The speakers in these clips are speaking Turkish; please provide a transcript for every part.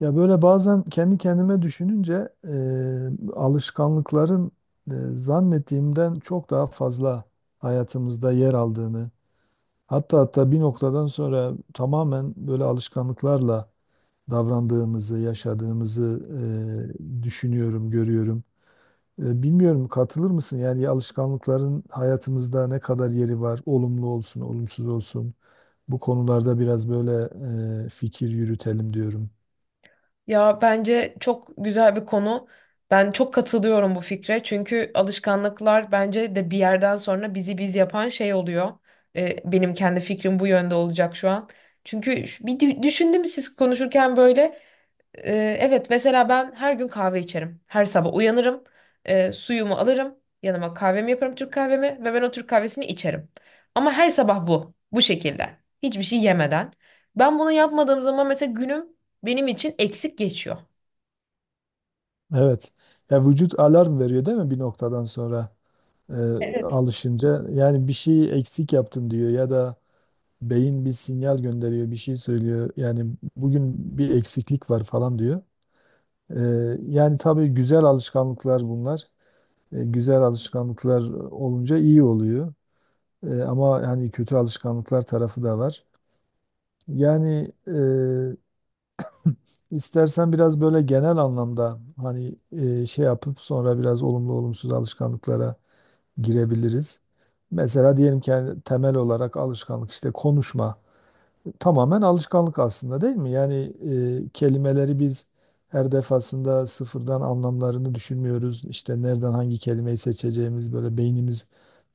Ya böyle bazen kendi kendime düşününce alışkanlıkların zannettiğimden çok daha fazla hayatımızda yer aldığını, hatta bir noktadan sonra tamamen böyle alışkanlıklarla davrandığımızı, yaşadığımızı düşünüyorum, görüyorum. Bilmiyorum katılır mısın? Yani alışkanlıkların hayatımızda ne kadar yeri var, olumlu olsun, olumsuz olsun. Bu konularda biraz böyle fikir yürütelim diyorum. Ya bence çok güzel bir konu. Ben çok katılıyorum bu fikre. Çünkü alışkanlıklar bence de bir yerden sonra bizi biz yapan şey oluyor. Benim kendi fikrim bu yönde olacak şu an. Çünkü bir düşündüm siz konuşurken böyle evet mesela ben her gün kahve içerim. Her sabah uyanırım. Suyumu alırım. Yanıma kahvemi yaparım Türk kahvemi ve ben o Türk kahvesini içerim. Ama her sabah bu. Bu şekilde. Hiçbir şey yemeden. Ben bunu yapmadığım zaman mesela günüm benim için eksik geçiyor. Evet. Ya vücut alarm veriyor değil mi bir noktadan sonra e, alışınca? Yani bir şeyi eksik yaptın diyor ya da beyin bir sinyal gönderiyor, bir şey söylüyor. Yani bugün bir eksiklik var falan diyor. E, Yani tabii güzel alışkanlıklar bunlar. Güzel alışkanlıklar olunca iyi oluyor. Ama hani kötü alışkanlıklar tarafı da var. Yani istersen biraz böyle genel anlamda hani şey yapıp sonra biraz olumlu olumsuz alışkanlıklara girebiliriz. Mesela diyelim ki yani temel olarak alışkanlık işte konuşma. Tamamen alışkanlık aslında değil mi? Yani kelimeleri biz her defasında sıfırdan anlamlarını düşünmüyoruz. İşte nereden hangi kelimeyi seçeceğimiz böyle beynimiz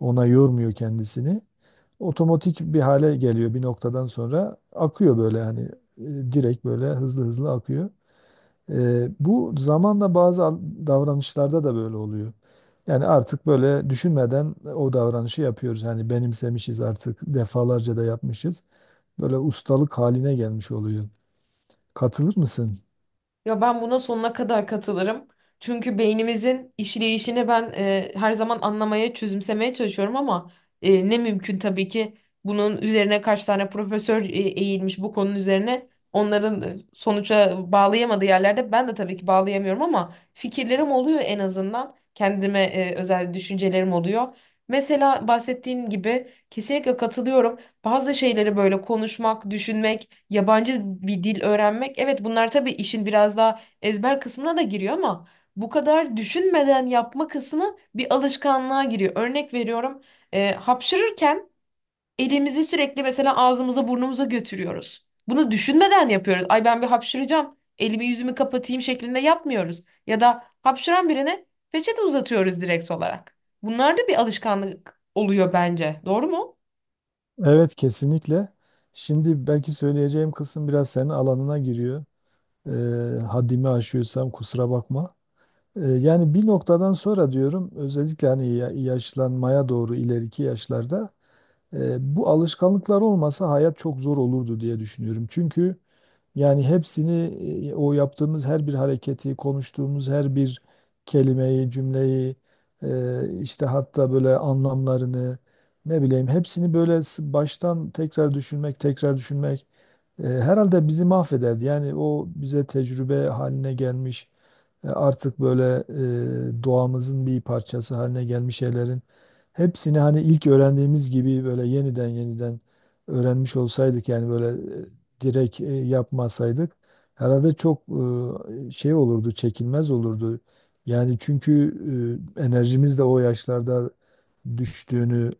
ona yormuyor kendisini. Otomatik bir hale geliyor bir noktadan sonra akıyor böyle hani direkt böyle hızlı hızlı akıyor. Bu zamanla davranışlarda da böyle oluyor. Yani artık böyle düşünmeden o davranışı yapıyoruz. Yani benimsemişiz artık defalarca da yapmışız. Böyle ustalık haline gelmiş oluyor. Katılır mısın? Ya ben buna sonuna kadar katılırım. Çünkü beynimizin işleyişini ben her zaman anlamaya, çözümsemeye çalışıyorum ama ne mümkün tabii ki bunun üzerine kaç tane profesör eğilmiş bu konunun üzerine. Onların sonuca bağlayamadığı yerlerde ben de tabii ki bağlayamıyorum ama fikirlerim oluyor en azından. Kendime özel düşüncelerim oluyor. Mesela bahsettiğin gibi kesinlikle katılıyorum. Bazı şeyleri böyle konuşmak, düşünmek, yabancı bir dil öğrenmek. Evet, bunlar tabii işin biraz daha ezber kısmına da giriyor ama bu kadar düşünmeden yapma kısmı bir alışkanlığa giriyor. Örnek veriyorum, hapşırırken elimizi sürekli mesela ağzımıza burnumuza götürüyoruz. Bunu düşünmeden yapıyoruz. Ay ben bir hapşıracağım, elimi yüzümü kapatayım şeklinde yapmıyoruz. Ya da hapşıran birine peçete uzatıyoruz direkt olarak. Bunlar da bir alışkanlık oluyor bence. Doğru mu? Evet kesinlikle. Şimdi belki söyleyeceğim kısım biraz senin alanına giriyor. Haddimi aşıyorsam kusura bakma. Yani bir noktadan sonra diyorum özellikle hani yaşlanmaya doğru ileriki yaşlarda bu alışkanlıklar olmasa hayat çok zor olurdu diye düşünüyorum. Çünkü yani hepsini o yaptığımız her bir hareketi, konuştuğumuz her bir kelimeyi, cümleyi, işte hatta böyle anlamlarını ne bileyim hepsini baştan tekrar düşünmek, tekrar düşünmek herhalde bizi mahvederdi. Yani o bize tecrübe haline gelmiş, artık böyle doğamızın bir parçası haline gelmiş şeylerin hepsini hani ilk öğrendiğimiz gibi böyle yeniden öğrenmiş olsaydık yani böyle direkt yapmasaydık herhalde çok şey olurdu, çekilmez olurdu. Yani çünkü enerjimiz de o yaşlarda düştüğünü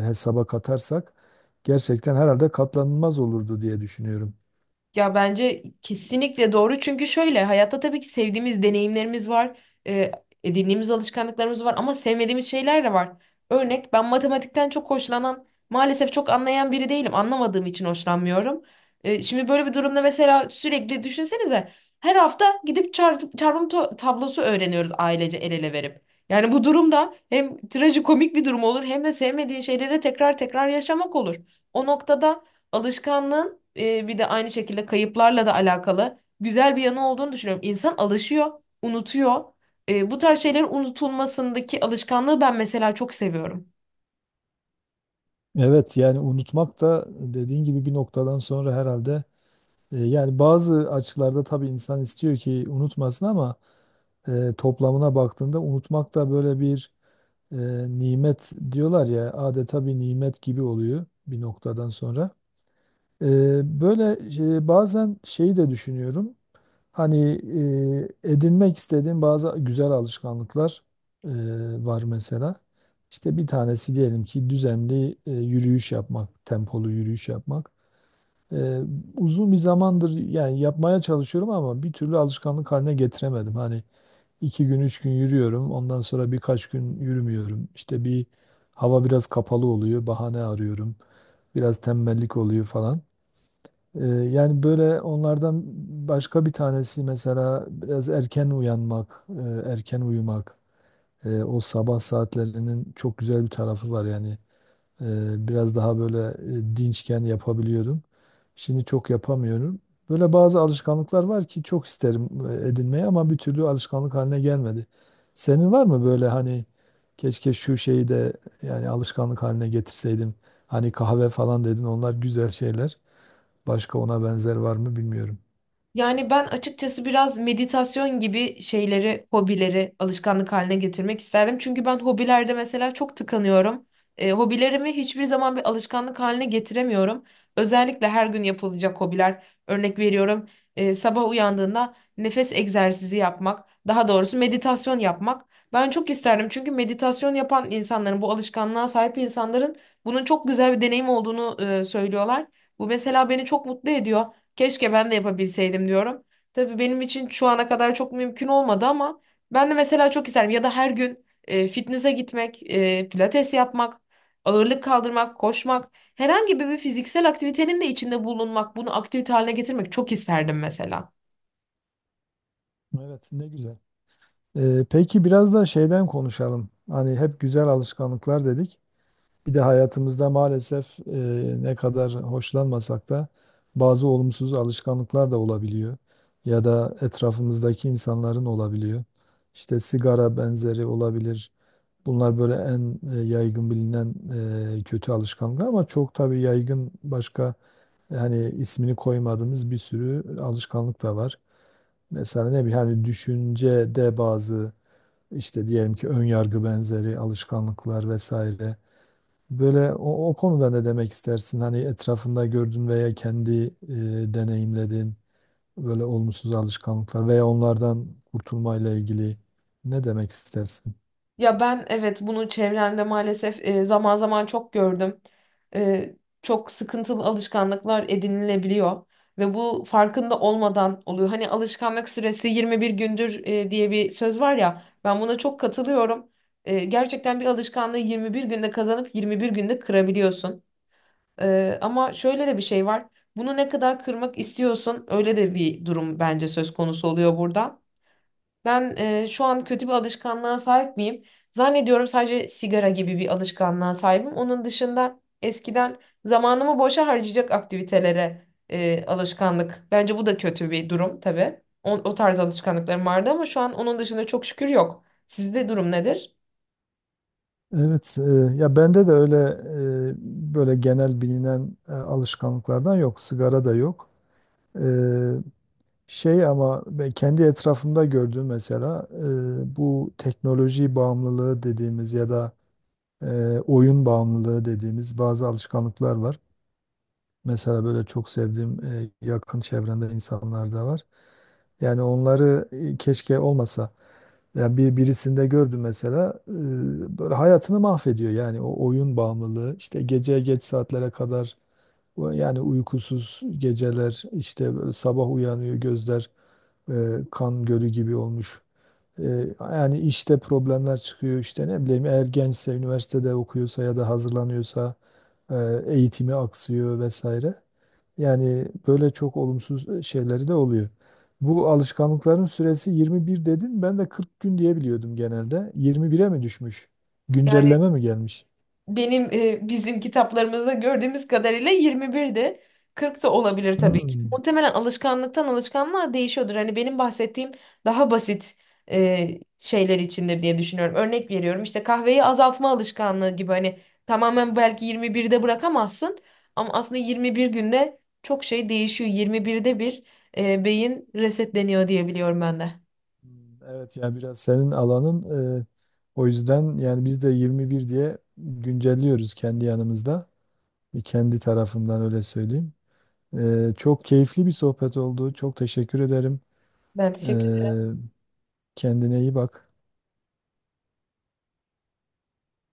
e, hesaba katarsak gerçekten herhalde katlanılmaz olurdu diye düşünüyorum. Ya bence kesinlikle doğru. Çünkü şöyle hayatta tabii ki sevdiğimiz deneyimlerimiz var. E, Edindiğimiz alışkanlıklarımız var ama sevmediğimiz şeyler de var. Örnek, ben matematikten çok hoşlanan, maalesef çok anlayan biri değilim. Anlamadığım için hoşlanmıyorum. Şimdi böyle bir durumda mesela sürekli düşünsenize, her hafta gidip çarpım tablosu öğreniyoruz ailece el ele verip. Yani bu durumda hem trajikomik bir durum olur hem de sevmediğin şeyleri tekrar tekrar yaşamak olur. O noktada alışkanlığın bir de aynı şekilde kayıplarla da alakalı güzel bir yanı olduğunu düşünüyorum. İnsan alışıyor, unutuyor. Bu tarz şeylerin unutulmasındaki alışkanlığı ben mesela çok seviyorum. Evet yani unutmak da dediğin gibi bir noktadan sonra herhalde yani bazı açılarda tabii insan istiyor ki unutmasın ama toplamına baktığında unutmak da böyle bir e, nimet diyorlar ya adeta bir nimet gibi oluyor bir noktadan sonra. Böyle bazen şeyi de düşünüyorum. Hani edinmek istediğim bazı güzel alışkanlıklar e, var mesela. İşte bir tanesi diyelim ki düzenli yürüyüş yapmak, tempolu yürüyüş yapmak. E, Uzun bir zamandır yani yapmaya çalışıyorum ama bir türlü alışkanlık haline getiremedim. Hani iki gün, üç gün yürüyorum. Ondan sonra birkaç gün yürümüyorum. İşte bir hava biraz kapalı oluyor. Bahane arıyorum. Biraz tembellik oluyor falan. Yani böyle onlardan başka bir tanesi mesela biraz erken uyanmak, erken uyumak. O sabah saatlerinin çok güzel bir tarafı var yani. Biraz daha böyle dinçken yapabiliyordum. Şimdi çok yapamıyorum. Böyle bazı alışkanlıklar var ki çok isterim edinmeye ama bir türlü alışkanlık haline gelmedi. Senin var mı böyle hani keşke şu şeyi de yani alışkanlık haline getirseydim. Hani kahve falan dedin onlar güzel şeyler. Başka ona benzer var mı bilmiyorum. Yani ben açıkçası biraz meditasyon gibi şeyleri, hobileri alışkanlık haline getirmek isterdim. Çünkü ben hobilerde mesela çok tıkanıyorum. Hobilerimi hiçbir zaman bir alışkanlık haline getiremiyorum. Özellikle her gün yapılacak hobiler. Örnek veriyorum, sabah uyandığında nefes egzersizi yapmak, daha doğrusu meditasyon yapmak. Ben çok isterdim çünkü meditasyon yapan insanların, bu alışkanlığa sahip insanların bunun çok güzel bir deneyim olduğunu söylüyorlar. Bu mesela beni çok mutlu ediyor. Keşke ben de yapabilseydim diyorum. Tabii benim için şu ana kadar çok mümkün olmadı ama ben de mesela çok isterim. Ya da her gün fitness'e gitmek, pilates yapmak, ağırlık kaldırmak, koşmak, herhangi bir fiziksel aktivitenin de içinde bulunmak, bunu aktivite haline getirmek çok isterdim mesela. Evet, ne güzel. Peki biraz da şeyden konuşalım. Hani hep güzel alışkanlıklar dedik. Bir de hayatımızda maalesef ne kadar hoşlanmasak da bazı olumsuz alışkanlıklar da olabiliyor. Ya da etrafımızdaki insanların olabiliyor. İşte sigara benzeri olabilir. Bunlar böyle en yaygın bilinen kötü alışkanlıklar ama çok tabii yaygın başka hani ismini koymadığımız bir sürü alışkanlık da var. Mesela ne bileyim hani düşüncede bazı işte diyelim ki ön yargı benzeri alışkanlıklar vesaire. Böyle o konuda ne demek istersin? Hani etrafında gördün veya kendi deneyimledin böyle olumsuz alışkanlıklar veya onlardan kurtulmayla ilgili ne demek istersin? Ya ben, evet, bunu çevremde maalesef zaman zaman çok gördüm. E, Çok sıkıntılı alışkanlıklar edinilebiliyor ve bu farkında olmadan oluyor. Hani alışkanlık süresi 21 gündür diye bir söz var ya. Ben buna çok katılıyorum. E, gerçekten bir alışkanlığı 21 günde kazanıp 21 günde kırabiliyorsun. Ama şöyle de bir şey var. Bunu ne kadar kırmak istiyorsun, öyle de bir durum bence söz konusu oluyor burada. Ben şu an kötü bir alışkanlığa sahip miyim? Zannediyorum sadece sigara gibi bir alışkanlığa sahibim. Onun dışında eskiden zamanımı boşa harcayacak aktivitelere alışkanlık. Bence bu da kötü bir durum tabii. O tarz alışkanlıklarım vardı ama şu an onun dışında çok şükür yok. Sizde durum nedir? Evet, ya bende de öyle böyle genel bilinen alışkanlıklardan yok, sigara da yok. E, Şey ama ben kendi etrafımda gördüğüm mesela bu teknoloji bağımlılığı dediğimiz ya da e, oyun bağımlılığı dediğimiz bazı alışkanlıklar var. Mesela böyle çok sevdiğim yakın çevremde insanlar da var. Yani onları keşke olmasa. Ya birisinde gördüm mesela böyle hayatını mahvediyor yani o oyun bağımlılığı işte gece geç saatlere kadar o yani uykusuz geceler işte böyle sabah uyanıyor gözler e, kan gölü gibi olmuş. E, Yani işte problemler çıkıyor işte ne bileyim eğer gençse üniversitede okuyorsa ya da hazırlanıyorsa e, eğitimi aksıyor vesaire. Yani böyle çok olumsuz şeyleri de oluyor. Bu alışkanlıkların süresi 21 dedin. Ben de 40 gün diye biliyordum genelde. 21'e mi düşmüş? Güncelleme mi gelmiş? Benim bizim kitaplarımızda gördüğümüz kadarıyla 21'di. 40 da olabilir tabii ki. Hmm. Muhtemelen alışkanlıktan alışkanlığa değişiyordur. Hani benim bahsettiğim daha basit şeyler içindir diye düşünüyorum. Örnek veriyorum, işte kahveyi azaltma alışkanlığı gibi, hani tamamen belki 21'de bırakamazsın ama aslında 21 günde çok şey değişiyor. 21'de bir beyin resetleniyor diye biliyorum ben de. Hmm, evet ya biraz senin alanın. e, O yüzden yani biz de 21 diye güncelliyoruz kendi yanımızda. E, kendi tarafımdan öyle söyleyeyim. Çok keyifli bir sohbet oldu. Çok teşekkür ederim. Ben E, teşekkür Kendine iyi bak.